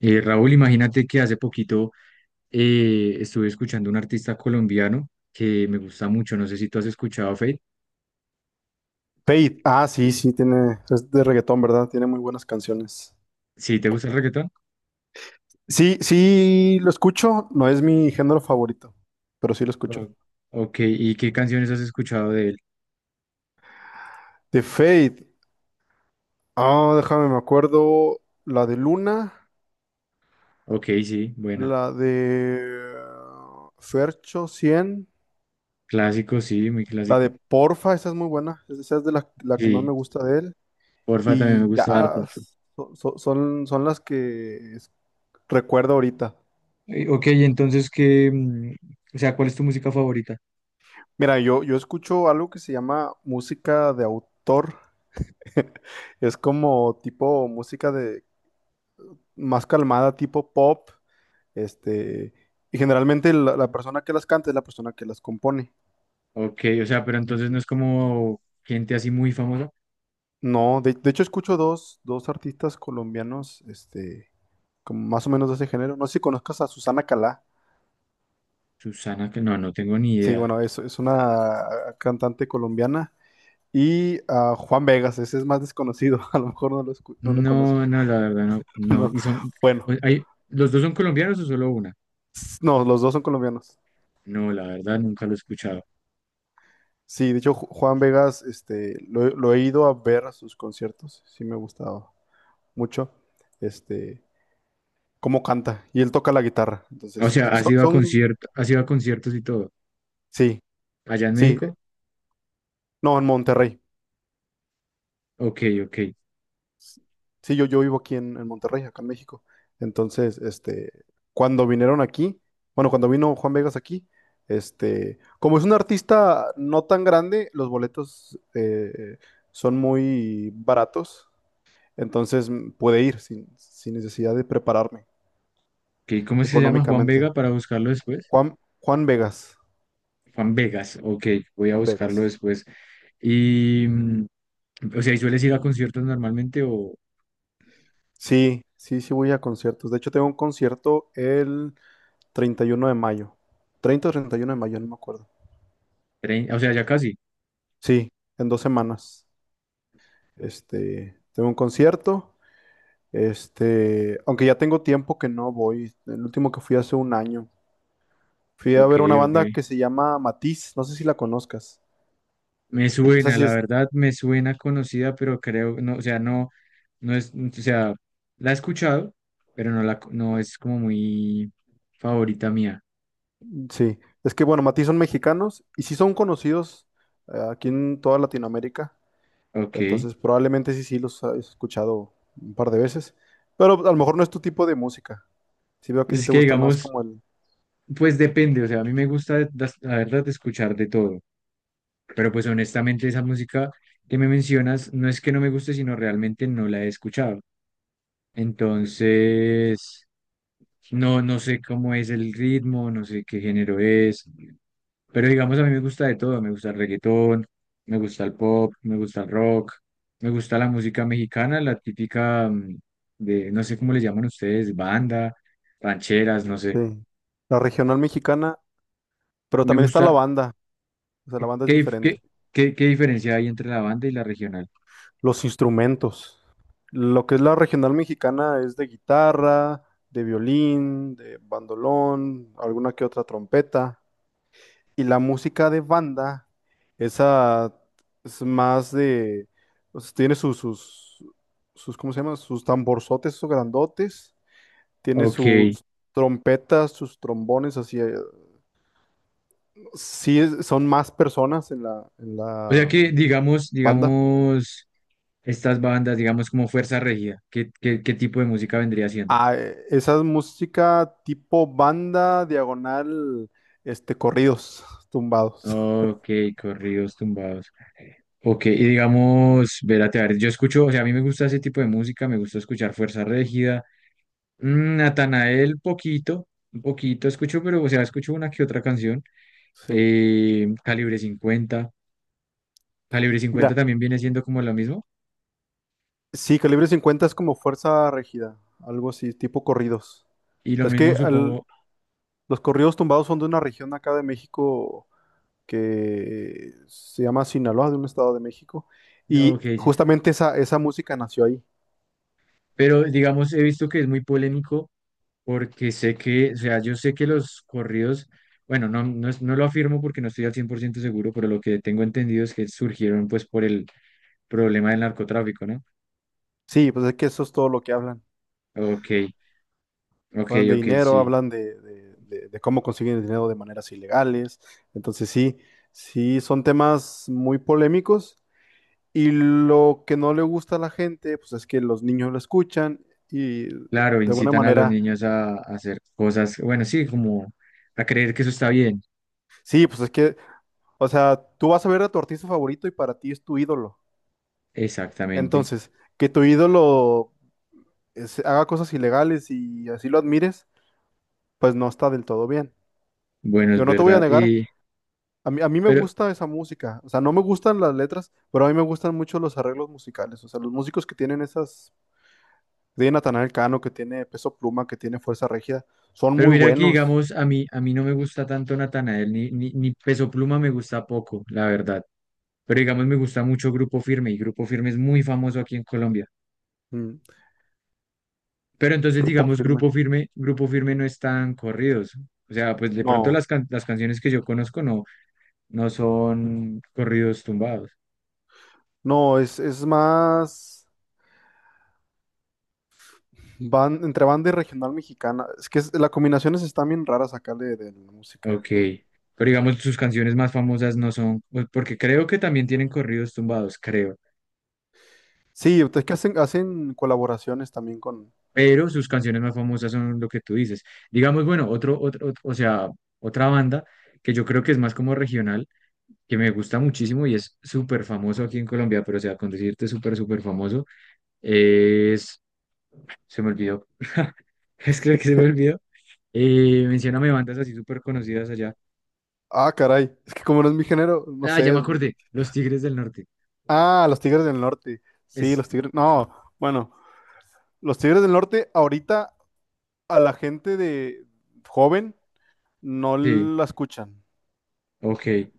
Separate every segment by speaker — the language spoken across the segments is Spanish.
Speaker 1: Raúl, imagínate que hace poquito estuve escuchando un artista colombiano que me gusta mucho. No sé si tú has escuchado a Feid.
Speaker 2: Fade. Ah, sí, sí, es de reggaetón, ¿verdad? Tiene muy buenas canciones.
Speaker 1: ¿Sí te gusta el reggaetón?
Speaker 2: Sí, sí, lo escucho, no es mi género favorito, pero sí lo
Speaker 1: O-
Speaker 2: escucho.
Speaker 1: ok, ¿y qué canciones has escuchado de él?
Speaker 2: De Fade. Ah, déjame, me acuerdo la de Luna,
Speaker 1: Ok, sí, buena.
Speaker 2: la de Fercho 100,
Speaker 1: Clásico, sí, muy
Speaker 2: la de
Speaker 1: clásico.
Speaker 2: Porfa, esa es muy buena, esa es de la que más
Speaker 1: Sí,
Speaker 2: me gusta de él.
Speaker 1: porfa, también me
Speaker 2: Y ya,
Speaker 1: gusta harto.
Speaker 2: son las que recuerdo ahorita.
Speaker 1: Ok, entonces, ¿qué? O sea, ¿cuál es tu música favorita?
Speaker 2: Mira, yo escucho algo que se llama música de autor. Es como tipo música de más calmada, tipo pop, este, y generalmente la persona que las canta es la persona que las compone.
Speaker 1: Ok, o sea, pero entonces no es como gente así muy famosa.
Speaker 2: No, De hecho escucho dos artistas colombianos, como más o menos de ese género. No sé si conozcas a Susana Calá.
Speaker 1: Susana, que no, no tengo ni
Speaker 2: Sí,
Speaker 1: idea.
Speaker 2: bueno, es una cantante colombiana. Y a Juan Vegas, ese es más desconocido, a lo mejor no lo conoces.
Speaker 1: No, no, la verdad, no, no.
Speaker 2: No.
Speaker 1: Y son,
Speaker 2: Bueno,
Speaker 1: hay, ¿los dos son colombianos o solo una?
Speaker 2: no, los dos son colombianos.
Speaker 1: No, la verdad, nunca lo he escuchado.
Speaker 2: Sí, de hecho, Juan Vegas, lo he ido a ver a sus conciertos, sí me ha gustado mucho, este, cómo canta, y él toca la guitarra.
Speaker 1: O
Speaker 2: Entonces,
Speaker 1: sea, ¿has ido a conciertos, y todo?
Speaker 2: sí,
Speaker 1: ¿Allá en
Speaker 2: sí,
Speaker 1: México?
Speaker 2: no, en Monterrey,
Speaker 1: Ok, ok.
Speaker 2: sí, yo vivo aquí en Monterrey, acá en México. Entonces, cuando vinieron aquí, bueno, cuando vino Juan Vegas aquí, como es un artista no tan grande, los boletos son muy baratos. Entonces puede ir sin necesidad de prepararme
Speaker 1: Ok, ¿cómo se llama? Juan
Speaker 2: económicamente.
Speaker 1: Vega para buscarlo después.
Speaker 2: Juan Vegas.
Speaker 1: Juan Vegas, ok, voy a
Speaker 2: Juan
Speaker 1: buscarlo
Speaker 2: Vegas.
Speaker 1: después. Y, mm, o sea, ¿y sueles ir a conciertos normalmente o,
Speaker 2: Sí, sí, sí voy a conciertos. De hecho, tengo un concierto el 31 de mayo. 30 o 31 de mayo, no me acuerdo.
Speaker 1: o sea, ya casi?
Speaker 2: Sí, en 2 semanas. Tengo un concierto. Aunque ya tengo tiempo que no voy. El último que fui hace un año. Fui a
Speaker 1: Ok,
Speaker 2: ver una
Speaker 1: ok.
Speaker 2: banda que se llama Matiz. No sé si la conozcas.
Speaker 1: Me
Speaker 2: Esa
Speaker 1: suena,
Speaker 2: sí
Speaker 1: la
Speaker 2: es.
Speaker 1: verdad, me suena conocida, pero creo, no, o sea, no, no es, o sea, la he escuchado, pero no la, no es como muy favorita mía.
Speaker 2: Sí, es que bueno, Matiz son mexicanos y sí son conocidos aquí en toda Latinoamérica,
Speaker 1: Ok.
Speaker 2: entonces probablemente sí, sí los has escuchado un par de veces, pero a lo mejor no es tu tipo de música. Sí veo que a
Speaker 1: Pues
Speaker 2: ti
Speaker 1: es
Speaker 2: te
Speaker 1: que
Speaker 2: gusta más
Speaker 1: digamos,
Speaker 2: como
Speaker 1: pues depende, o sea, a mí me gusta, la verdad, de escuchar de todo, pero pues honestamente esa música que me mencionas no es que no me guste, sino realmente no la he escuchado. Entonces, no, no sé cómo es el ritmo, no sé qué género es, pero digamos a mí me gusta de todo, me gusta el reggaetón, me gusta el pop, me gusta el rock, me gusta la música mexicana, la típica, de, no sé cómo le llaman ustedes, banda, rancheras, no sé.
Speaker 2: sí, la regional mexicana, pero
Speaker 1: Me
Speaker 2: también está la
Speaker 1: gusta,
Speaker 2: banda, o sea, la banda es
Speaker 1: ¿qué,
Speaker 2: diferente.
Speaker 1: qué, qué diferencia hay entre la banda y la regional?
Speaker 2: Los instrumentos, lo que es la regional mexicana es de guitarra, de violín, de bandolón, alguna que otra trompeta. Y la música de banda, esa es más de, o sea, tiene sus, ¿cómo se llama? Sus tamborzotes, sus grandotes, tiene
Speaker 1: Ok,
Speaker 2: sus trompetas, sus trombones, así, sí son más personas en la, en
Speaker 1: o sea
Speaker 2: la
Speaker 1: que, digamos,
Speaker 2: banda.
Speaker 1: estas bandas, digamos, como Fuerza Regida, ¿qué, qué tipo de música vendría siendo?
Speaker 2: Ah, esa es música tipo banda, diagonal, corridos, tumbados.
Speaker 1: Ok, corridos tumbados. Ok, y digamos, Vérate, a ver, yo escucho, o sea, a mí me gusta ese tipo de música, me gusta escuchar Fuerza Regida, Natanael, poquito, un poquito escucho, pero, o sea, escucho una que otra canción,
Speaker 2: Sí.
Speaker 1: Calibre 50, Calibre 50
Speaker 2: Mira,
Speaker 1: también viene siendo como lo mismo,
Speaker 2: sí, calibre 50 es como fuerza rígida, algo así, tipo corridos.
Speaker 1: y lo
Speaker 2: Es que
Speaker 1: mismo supongo,
Speaker 2: los corridos tumbados son de una región acá de México que se llama Sinaloa, de un estado de México,
Speaker 1: ok,
Speaker 2: y
Speaker 1: sí.
Speaker 2: justamente esa música nació ahí.
Speaker 1: Pero digamos, he visto que es muy polémico porque sé que, o sea, yo sé que los corridos, bueno, no lo afirmo porque no estoy al 100% seguro, pero lo que tengo entendido es que surgieron pues por el problema del narcotráfico, ¿no?
Speaker 2: Sí, pues es que eso es todo lo que hablan.
Speaker 1: Ok, ok,
Speaker 2: Hablan de
Speaker 1: ok,
Speaker 2: dinero,
Speaker 1: sí.
Speaker 2: hablan de cómo consiguen el dinero de maneras ilegales. Entonces sí, sí, son temas muy polémicos. Y lo que no le gusta a la gente, pues es que los niños lo escuchan y de
Speaker 1: Claro,
Speaker 2: alguna
Speaker 1: incitan a los
Speaker 2: manera,
Speaker 1: niños a hacer cosas, bueno, sí, como a creer que eso está bien.
Speaker 2: sí, pues es que, o sea, tú vas a ver a tu artista favorito y para ti es tu ídolo.
Speaker 1: Exactamente.
Speaker 2: Entonces, que tu ídolo haga cosas ilegales y así lo admires, pues no está del todo bien.
Speaker 1: Bueno, es
Speaker 2: Yo no te voy a
Speaker 1: verdad.
Speaker 2: negar, a mí me
Speaker 1: Pero,
Speaker 2: gusta esa música, o sea, no me gustan las letras, pero a mí me gustan mucho los arreglos musicales, o sea, los músicos que tienen esas, que tiene Natanael Cano, que tiene Peso Pluma, que tiene Fuerza Regida, son
Speaker 1: Pero
Speaker 2: muy
Speaker 1: mira que,
Speaker 2: buenos.
Speaker 1: digamos, a mí no me gusta tanto Natanael, ni, ni Peso Pluma me gusta poco, la verdad. Pero digamos, me gusta mucho Grupo Firme y Grupo Firme es muy famoso aquí en Colombia.
Speaker 2: Mm.
Speaker 1: Pero entonces,
Speaker 2: Grupo
Speaker 1: digamos,
Speaker 2: firme.
Speaker 1: Grupo Firme, Grupo Firme no están corridos. O sea, pues de pronto
Speaker 2: No,
Speaker 1: las, las canciones que yo conozco no, no son corridos tumbados.
Speaker 2: no, es más van, entre banda y regional mexicana. Es que las combinaciones están bien raras acá de la
Speaker 1: Ok.
Speaker 2: música.
Speaker 1: Pero digamos, sus canciones más famosas no son, pues, porque creo que también tienen corridos tumbados, creo.
Speaker 2: Sí, es que hacen, hacen colaboraciones también con.
Speaker 1: Pero sus canciones más famosas son lo que tú dices. Digamos, bueno, otro, o sea, otra banda que yo creo que es más como regional, que me gusta muchísimo y es súper famoso aquí en Colombia, pero o sea, con decirte súper, súper famoso, es, se me olvidó, es que se me olvidó, mencióname bandas así súper conocidas allá.
Speaker 2: Ah, caray. Es que como no es mi género, no
Speaker 1: Ah, ya me
Speaker 2: sé.
Speaker 1: acordé, Los Tigres del Norte.
Speaker 2: Ah, los Tigres del Norte. Sí,
Speaker 1: Es,
Speaker 2: los Tigres. No, bueno, los Tigres del Norte ahorita a la gente de joven no
Speaker 1: sí,
Speaker 2: la escuchan.
Speaker 1: ok.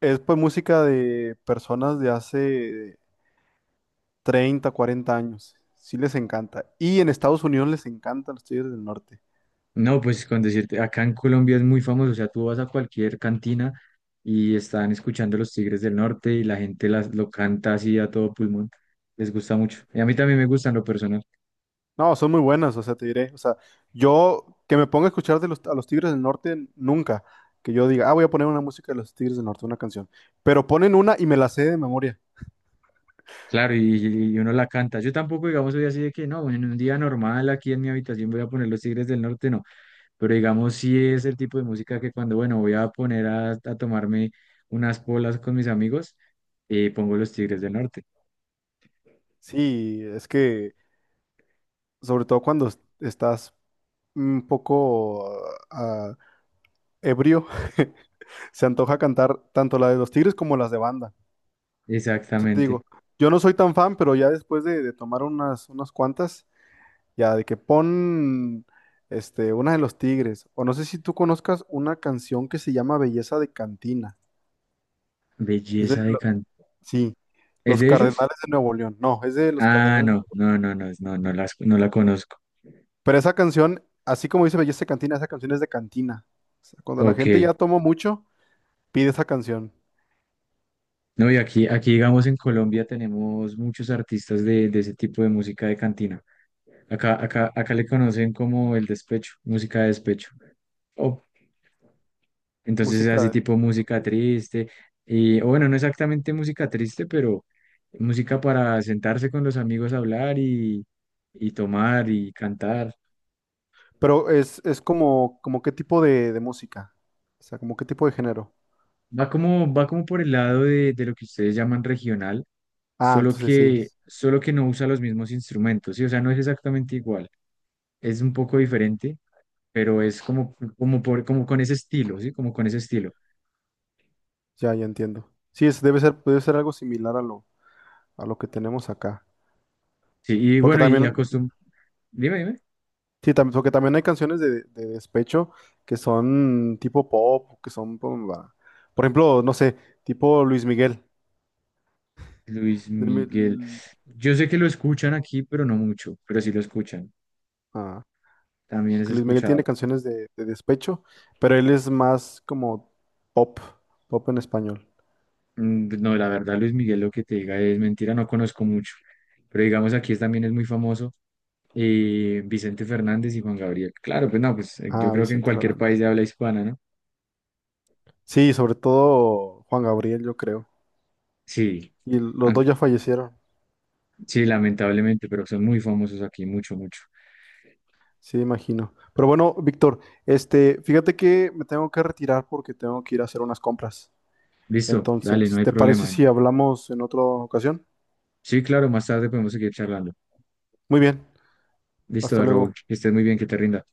Speaker 2: Es pues música de personas de hace 30 40 años. Sí les encanta. Y en Estados Unidos les encantan los Tigres del Norte.
Speaker 1: No, pues con decirte, acá en Colombia es muy famoso, o sea, tú vas a cualquier cantina y están escuchando Los Tigres del Norte y la gente lo canta así a todo pulmón, les gusta mucho. Y a mí también me gustan lo personal,
Speaker 2: No, son muy buenas, o sea, te diré. O sea, yo que me ponga a escuchar a los Tigres del Norte nunca. Que yo diga, ah, voy a poner una música de los Tigres del Norte, una canción. Pero ponen una y me la sé de memoria.
Speaker 1: claro, y uno la canta. Yo tampoco, digamos, soy así de que no, en un día normal aquí en mi habitación voy a poner Los Tigres del Norte, no, pero digamos, sí es el tipo de música que cuando, bueno, voy a poner a tomarme unas polas con mis amigos, pongo Los Tigres del Norte.
Speaker 2: Sí, es que, sobre todo cuando estás un poco ah, ebrio, se antoja cantar tanto la de los Tigres como las de banda. O sea, te
Speaker 1: Exactamente,
Speaker 2: digo, yo no soy tan fan, pero ya después de tomar unas cuantas. Ya, de que pon una de los Tigres. O no sé si tú conozcas una canción que se llama Belleza de Cantina. Es de
Speaker 1: belleza de
Speaker 2: lo-
Speaker 1: canto.
Speaker 2: sí,
Speaker 1: ¿Es
Speaker 2: Los
Speaker 1: de ellos?
Speaker 2: Cardenales de Nuevo León. No, es de los
Speaker 1: Ah,
Speaker 2: Cardenales.
Speaker 1: no, no, no, no, no, no no la conozco.
Speaker 2: Pero esa canción, así como dice Belleza de Cantina, esa canción es de cantina. O sea, cuando la
Speaker 1: Ok.
Speaker 2: gente ya tomó mucho, pide esa canción.
Speaker 1: No, y aquí, digamos, en Colombia tenemos muchos artistas de ese tipo de música de cantina. Acá, acá le conocen como el despecho, música de despecho. Oh, entonces es
Speaker 2: Música
Speaker 1: así
Speaker 2: de...
Speaker 1: tipo música triste. Y, o bueno, no exactamente música triste, pero música para sentarse con los amigos a hablar y tomar y cantar.
Speaker 2: Pero es como, qué tipo de música. O sea, como qué tipo de género.
Speaker 1: Va como por el lado de lo que ustedes llaman regional,
Speaker 2: Ah, entonces sí.
Speaker 1: solo que no usa los mismos instrumentos, ¿sí? O sea, no es exactamente igual, es un poco diferente, pero es como, como, por, como con ese estilo, ¿sí? Como con ese estilo.
Speaker 2: Ya, ya entiendo. Sí, debe ser algo similar a lo que tenemos acá.
Speaker 1: Sí, y
Speaker 2: Porque
Speaker 1: bueno, y
Speaker 2: también,
Speaker 1: acostum... Dime, dime.
Speaker 2: sí, porque también hay canciones de despecho que son tipo pop, que son, pum, va. Por ejemplo, no sé, tipo Luis Miguel.
Speaker 1: Luis
Speaker 2: Luis
Speaker 1: Miguel.
Speaker 2: Mi-
Speaker 1: Yo sé que lo escuchan aquí, pero no mucho, pero sí lo escuchan.
Speaker 2: ah,
Speaker 1: También es
Speaker 2: porque Luis Miguel tiene
Speaker 1: escuchado.
Speaker 2: canciones de despecho, pero él es más como pop, pop en español.
Speaker 1: Pues, no, la verdad, Luis Miguel, lo que te diga es mentira, no conozco mucho. Pero digamos, aquí también es muy famoso Vicente Fernández y Juan Gabriel. Claro, pues no, pues yo
Speaker 2: Ah,
Speaker 1: creo que en
Speaker 2: Vicente
Speaker 1: cualquier país
Speaker 2: Fernández.
Speaker 1: de habla hispana, ¿no?
Speaker 2: Sí, sobre todo Juan Gabriel, yo creo.
Speaker 1: Sí,
Speaker 2: Y los
Speaker 1: an-
Speaker 2: dos ya fallecieron,
Speaker 1: sí, lamentablemente, pero son muy famosos aquí, mucho, mucho.
Speaker 2: sí, imagino. Pero bueno, Víctor, fíjate que me tengo que retirar porque tengo que ir a hacer unas compras.
Speaker 1: Listo,
Speaker 2: Entonces,
Speaker 1: dale, no hay
Speaker 2: ¿te parece
Speaker 1: problema.
Speaker 2: si hablamos en otra ocasión?
Speaker 1: Sí, claro, más tarde podemos seguir charlando.
Speaker 2: Muy bien, hasta
Speaker 1: Listo, Raúl,
Speaker 2: luego.
Speaker 1: que estés muy bien, que te rinda.